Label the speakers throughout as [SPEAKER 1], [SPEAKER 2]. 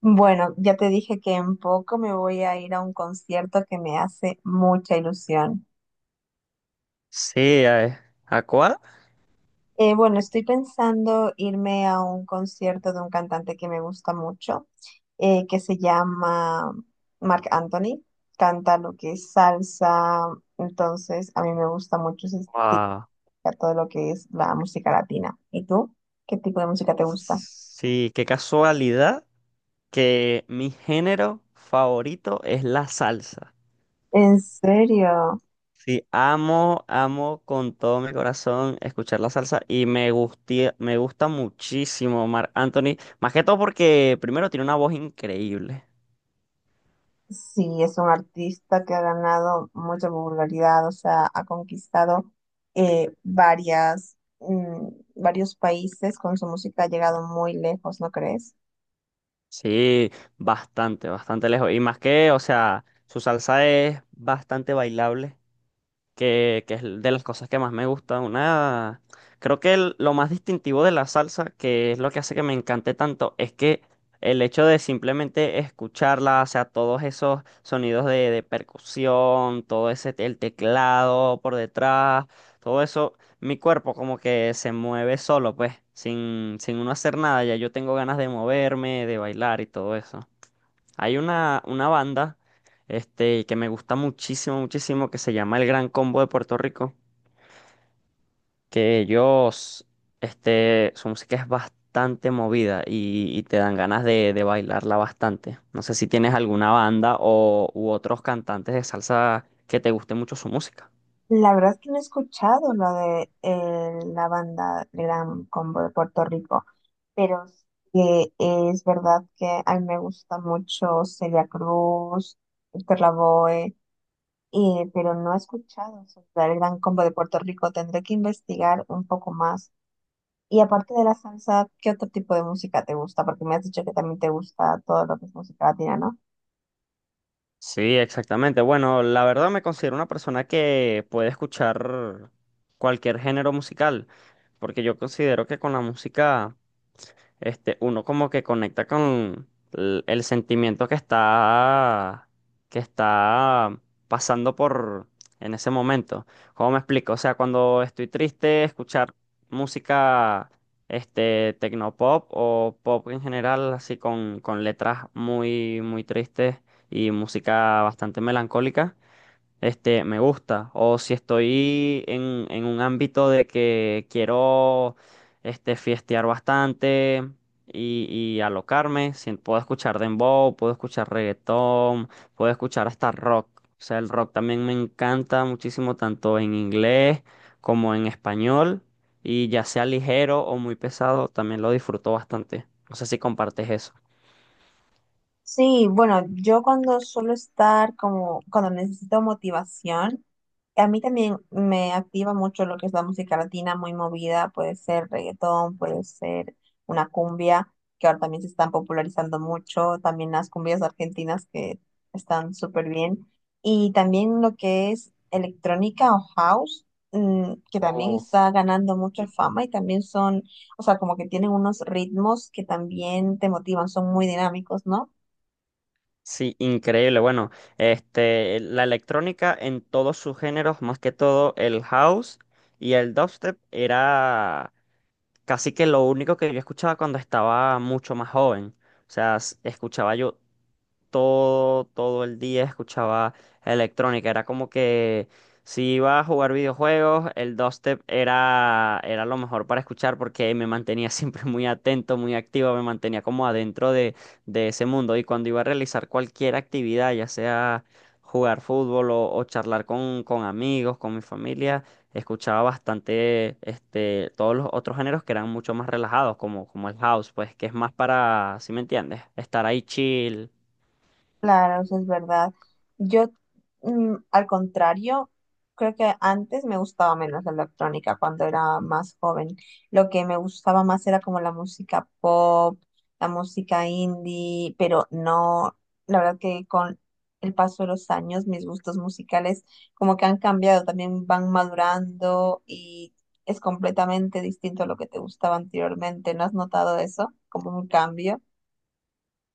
[SPEAKER 1] Bueno, ya te dije que en poco me voy a ir a un concierto que me hace mucha ilusión.
[SPEAKER 2] Sí, ¿a cuál?
[SPEAKER 1] Bueno, estoy pensando irme a un concierto de un cantante que me gusta mucho, que se llama Marc Anthony. Canta lo que es salsa, entonces a mí me gusta mucho
[SPEAKER 2] Ah,
[SPEAKER 1] todo lo que es la música latina. ¿Y tú? ¿Qué tipo de música te gusta?
[SPEAKER 2] sí, qué casualidad que mi género favorito es la salsa.
[SPEAKER 1] ¿En serio?
[SPEAKER 2] Sí, amo, amo con todo mi corazón escuchar la salsa y me gusta muchísimo Marc Anthony, más que todo porque primero tiene una voz increíble.
[SPEAKER 1] Sí, es un artista que ha ganado mucha popularidad, o sea, ha conquistado eh, varias, mm, varios países con su música, ha llegado muy lejos, ¿no crees?
[SPEAKER 2] Sí, bastante, bastante lejos. Y más que, o sea, su salsa es bastante bailable. Que es de las cosas que más me gusta. Una, creo que lo más distintivo de la salsa, que es lo que hace que me encante tanto, es que el hecho de simplemente escucharla, o sea, todos esos sonidos de, percusión, todo ese, el teclado por detrás, todo eso, mi cuerpo como que se mueve solo, pues, sin uno hacer nada, ya yo tengo ganas de moverme, de bailar y todo eso. Hay una, banda que me gusta muchísimo, muchísimo, que se llama El Gran Combo de Puerto Rico, que ellos, su música es bastante movida y te dan ganas de, bailarla bastante. No sé si tienes alguna banda u otros cantantes de salsa que te guste mucho su música.
[SPEAKER 1] La verdad es que no he escuchado la de la banda Gran Combo de Puerto Rico, pero sí que es verdad que a mí me gusta mucho Celia Cruz, Héctor Lavoe, pero no he escuchado sobre el Gran Combo de Puerto Rico. Tendré que investigar un poco más. Y aparte de la salsa, ¿qué otro tipo de música te gusta? Porque me has dicho que también te gusta todo lo que es música latina, ¿no?
[SPEAKER 2] Sí, exactamente. Bueno, la verdad me considero una persona que puede escuchar cualquier género musical, porque yo considero que con la música... uno como que conecta con el, sentimiento que está pasando por en ese momento. ¿Cómo me explico? O sea, cuando estoy triste, escuchar música, tecnopop o pop en general, así con, letras muy, muy tristes y música bastante melancólica me gusta. O si estoy en un ámbito de que quiero, fiestear bastante y, y alocarme, puedo escuchar dembow, puedo escuchar reggaetón, puedo escuchar hasta rock. O sea, el rock también me encanta muchísimo, tanto en inglés como en español. Y ya sea ligero o muy pesado, también lo disfruto bastante. No sé si compartes eso.
[SPEAKER 1] Sí, bueno, yo cuando suelo estar como, cuando necesito motivación, a mí también me activa mucho lo que es la música latina muy movida, puede ser reggaetón, puede ser una cumbia, que ahora también se están popularizando mucho, también las cumbias argentinas que están súper bien, y también lo que es electrónica o house, que también
[SPEAKER 2] Uf.
[SPEAKER 1] está ganando mucha fama y también son, o sea, como que tienen unos ritmos que también te motivan, son muy dinámicos, ¿no?
[SPEAKER 2] Sí, increíble. Bueno, la electrónica en todos sus géneros, más que todo el house y el dubstep, era casi que lo único que yo escuchaba cuando estaba mucho más joven. O sea, escuchaba yo todo, todo el día escuchaba electrónica. Era como que si iba a jugar videojuegos, el dubstep era, lo mejor para escuchar porque me mantenía siempre muy atento, muy activo, me mantenía como adentro de, ese mundo. Y cuando iba a realizar cualquier actividad, ya sea jugar fútbol o, charlar con amigos, con mi familia, escuchaba bastante todos los otros géneros que eran mucho más relajados, como el house, pues que es más para, ¿si me entiendes? Estar ahí chill.
[SPEAKER 1] Claro, eso es verdad. Yo, al contrario, creo que antes me gustaba menos la electrónica cuando era más joven. Lo que me gustaba más era como la música pop, la música indie, pero no, la verdad que con el paso de los años mis gustos musicales como que han cambiado, también van madurando y es completamente distinto a lo que te gustaba anteriormente. ¿No has notado eso? Como un cambio.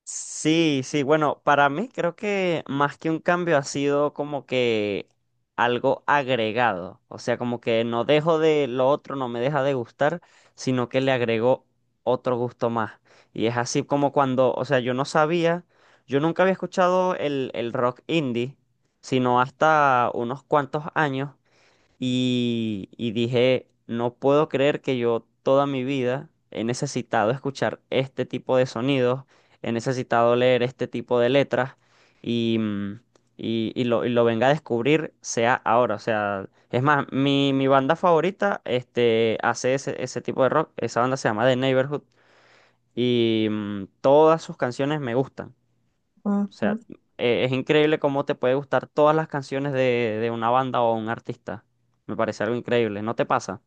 [SPEAKER 2] Sí, sí, bueno, para mí creo que más que un cambio ha sido como que algo agregado, o sea, como que no dejo de lo otro, no me deja de gustar, sino que le agregó otro gusto más. Y es así como cuando, o sea, yo no sabía, yo nunca había escuchado el, rock indie, sino hasta unos cuantos años. Y dije, no puedo creer que yo toda mi vida he necesitado escuchar este tipo de sonidos, he necesitado leer este tipo de letras y, mm, y lo venga a descubrir sea ahora. O sea, es más, mi, banda favorita hace ese tipo de rock, esa banda se llama The Neighborhood y todas sus canciones me gustan. O
[SPEAKER 1] Ujú.
[SPEAKER 2] sea, es increíble cómo te puede gustar todas las canciones de una banda o un artista. Me parece algo increíble, ¿no te pasa?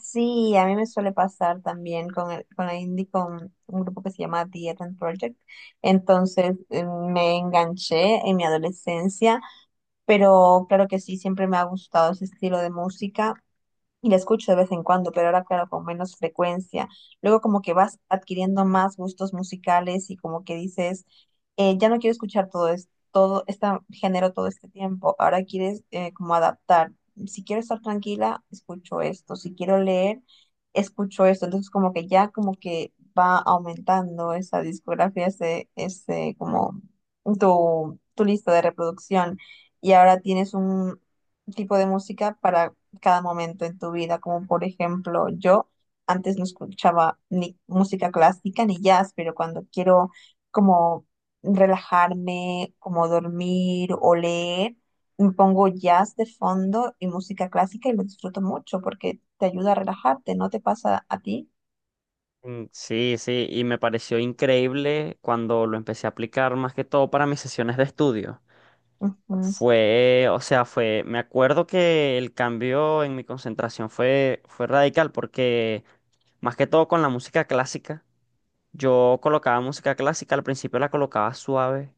[SPEAKER 1] Sí, a mí me suele pasar también con la indie, con un grupo que se llama The Eden Project. Entonces me enganché en mi adolescencia, pero claro que sí, siempre me ha gustado ese estilo de música. Y la escucho de vez en cuando, pero ahora, claro, con menos frecuencia. Luego como que vas adquiriendo más gustos musicales y como que dices, ya no quiero escuchar todo esto, todo este género todo este tiempo. Ahora quieres como adaptar. Si quiero estar tranquila, escucho esto. Si quiero leer, escucho esto. Entonces como que ya como que va aumentando esa discografía, ese como tu lista de reproducción. Y ahora tienes un tipo de música para cada momento en tu vida, como por ejemplo yo antes no escuchaba ni música clásica ni jazz, pero cuando quiero como relajarme, como dormir o leer, me pongo jazz de fondo y música clásica y lo disfruto mucho porque te ayuda a relajarte, ¿no te pasa a ti?
[SPEAKER 2] Mm, sí, sí, y me pareció increíble cuando lo empecé a aplicar más que todo para mis sesiones de estudio.
[SPEAKER 1] Ujú.
[SPEAKER 2] O sea, fue, me acuerdo que el cambio en mi concentración fue radical porque más que todo con la música clásica, yo colocaba música clásica, al principio la colocaba suave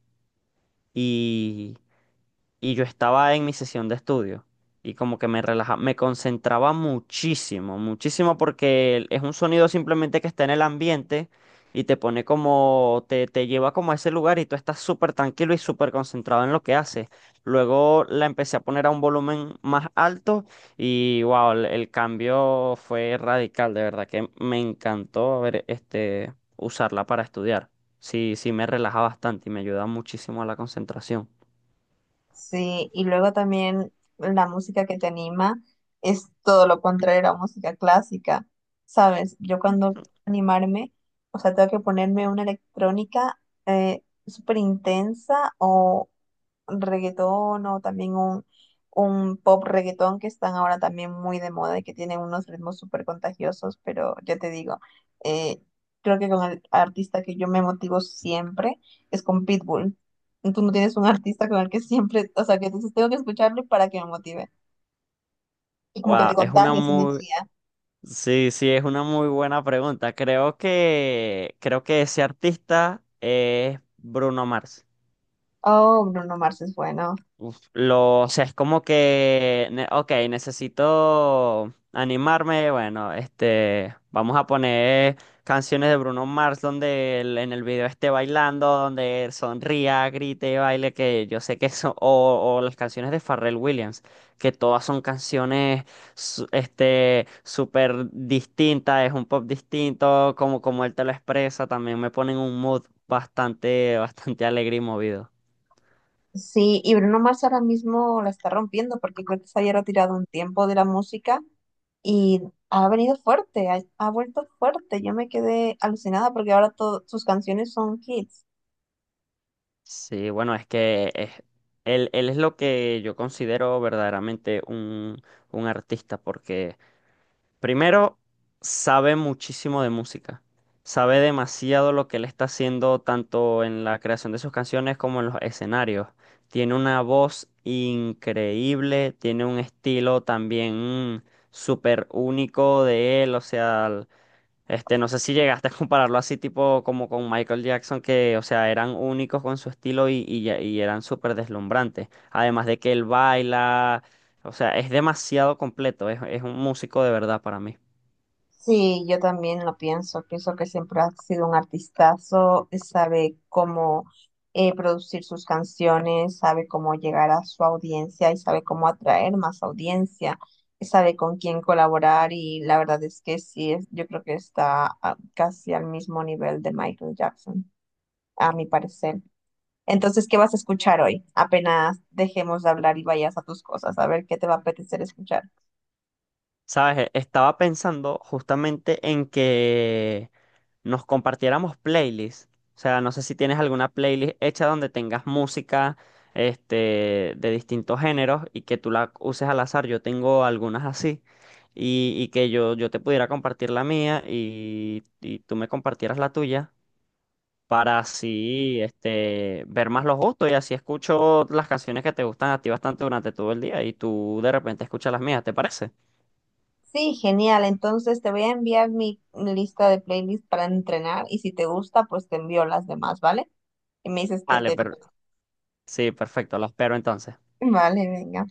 [SPEAKER 2] y yo estaba en mi sesión de estudio y como que me relaja, me concentraba muchísimo, muchísimo porque es un sonido simplemente que está en el ambiente y te pone como, te, lleva como a ese lugar y tú estás súper tranquilo y súper concentrado en lo que haces. Luego la empecé a poner a un volumen más alto y wow, el cambio fue radical, de verdad que me encantó ver usarla para estudiar. Sí, sí me relaja bastante y me ayuda muchísimo a la concentración.
[SPEAKER 1] Sí, y luego también la música que te anima es todo lo contrario a la música clásica, ¿sabes? Yo cuando animarme, o sea, tengo que ponerme una electrónica eh, súper intensa reggaetón o también un pop reggaetón que están ahora también muy de moda y que tienen unos ritmos súper contagiosos, pero ya te digo, eh, creo que con el artista que yo me motivo siempre es con Pitbull. Tú no tienes un artista con el que siempre, o sea, que dices, tengo que escucharlo para que me motive. Y como que te
[SPEAKER 2] Wow,
[SPEAKER 1] contagias energía.
[SPEAKER 2] sí, sí, es una muy buena pregunta. Creo que ese artista es Bruno Mars.
[SPEAKER 1] Oh, Bruno Mars es bueno.
[SPEAKER 2] Uf, o sea, es como que, ok, necesito animarme, bueno, vamos a poner canciones de Bruno Mars donde él en el video esté bailando, donde él sonría, grite, baile, que yo sé que son, o, las canciones de Pharrell Williams, que todas son canciones, súper distintas, es un pop distinto, como él te lo expresa, también me ponen un mood bastante, bastante alegre y movido.
[SPEAKER 1] Sí, y Bruno Mars ahora mismo la está rompiendo porque creo que se había retirado un tiempo de la música y ha venido fuerte, ha vuelto fuerte. Yo me quedé alucinada porque ahora todas sus canciones son hits.
[SPEAKER 2] Sí, bueno, él, es lo que yo considero verdaderamente un artista, porque primero sabe muchísimo de música, sabe demasiado lo que él está haciendo tanto en la creación de sus canciones como en los escenarios. Tiene una voz increíble, tiene un estilo también súper único de él, o sea... No sé si llegaste a compararlo así, tipo como con Michael Jackson, que, o sea, eran únicos con su estilo y eran súper deslumbrantes. Además de que él baila, o sea, es demasiado completo, es, un músico de verdad para mí.
[SPEAKER 1] Sí, yo también lo pienso. Pienso que siempre ha sido un artistazo, sabe cómo producir sus canciones, sabe cómo llegar a su audiencia y sabe cómo atraer más audiencia, sabe con quién colaborar y la verdad es que sí, es, yo creo que está casi al mismo nivel de Michael Jackson, a mi parecer. Entonces, ¿qué vas a escuchar hoy? Apenas dejemos de hablar y vayas a tus cosas, a ver qué te va a apetecer escuchar.
[SPEAKER 2] ¿Sabes? Estaba pensando justamente en que nos compartiéramos playlists. O sea, no sé si tienes alguna playlist hecha donde tengas música, de distintos géneros y que tú la uses al azar. Yo tengo algunas así. Y que yo te pudiera compartir la mía y tú me compartieras la tuya para así, ver más los gustos y así escucho las canciones que te gustan a ti bastante durante todo el día y tú de repente escuchas las mías, ¿te parece?
[SPEAKER 1] Sí, genial. Entonces te voy a enviar mi lista de playlists para entrenar y si te gusta, pues te envío las demás, ¿vale? Y me dices que
[SPEAKER 2] Vale,
[SPEAKER 1] te...
[SPEAKER 2] pero sí, perfecto, lo espero entonces.
[SPEAKER 1] Vale, venga.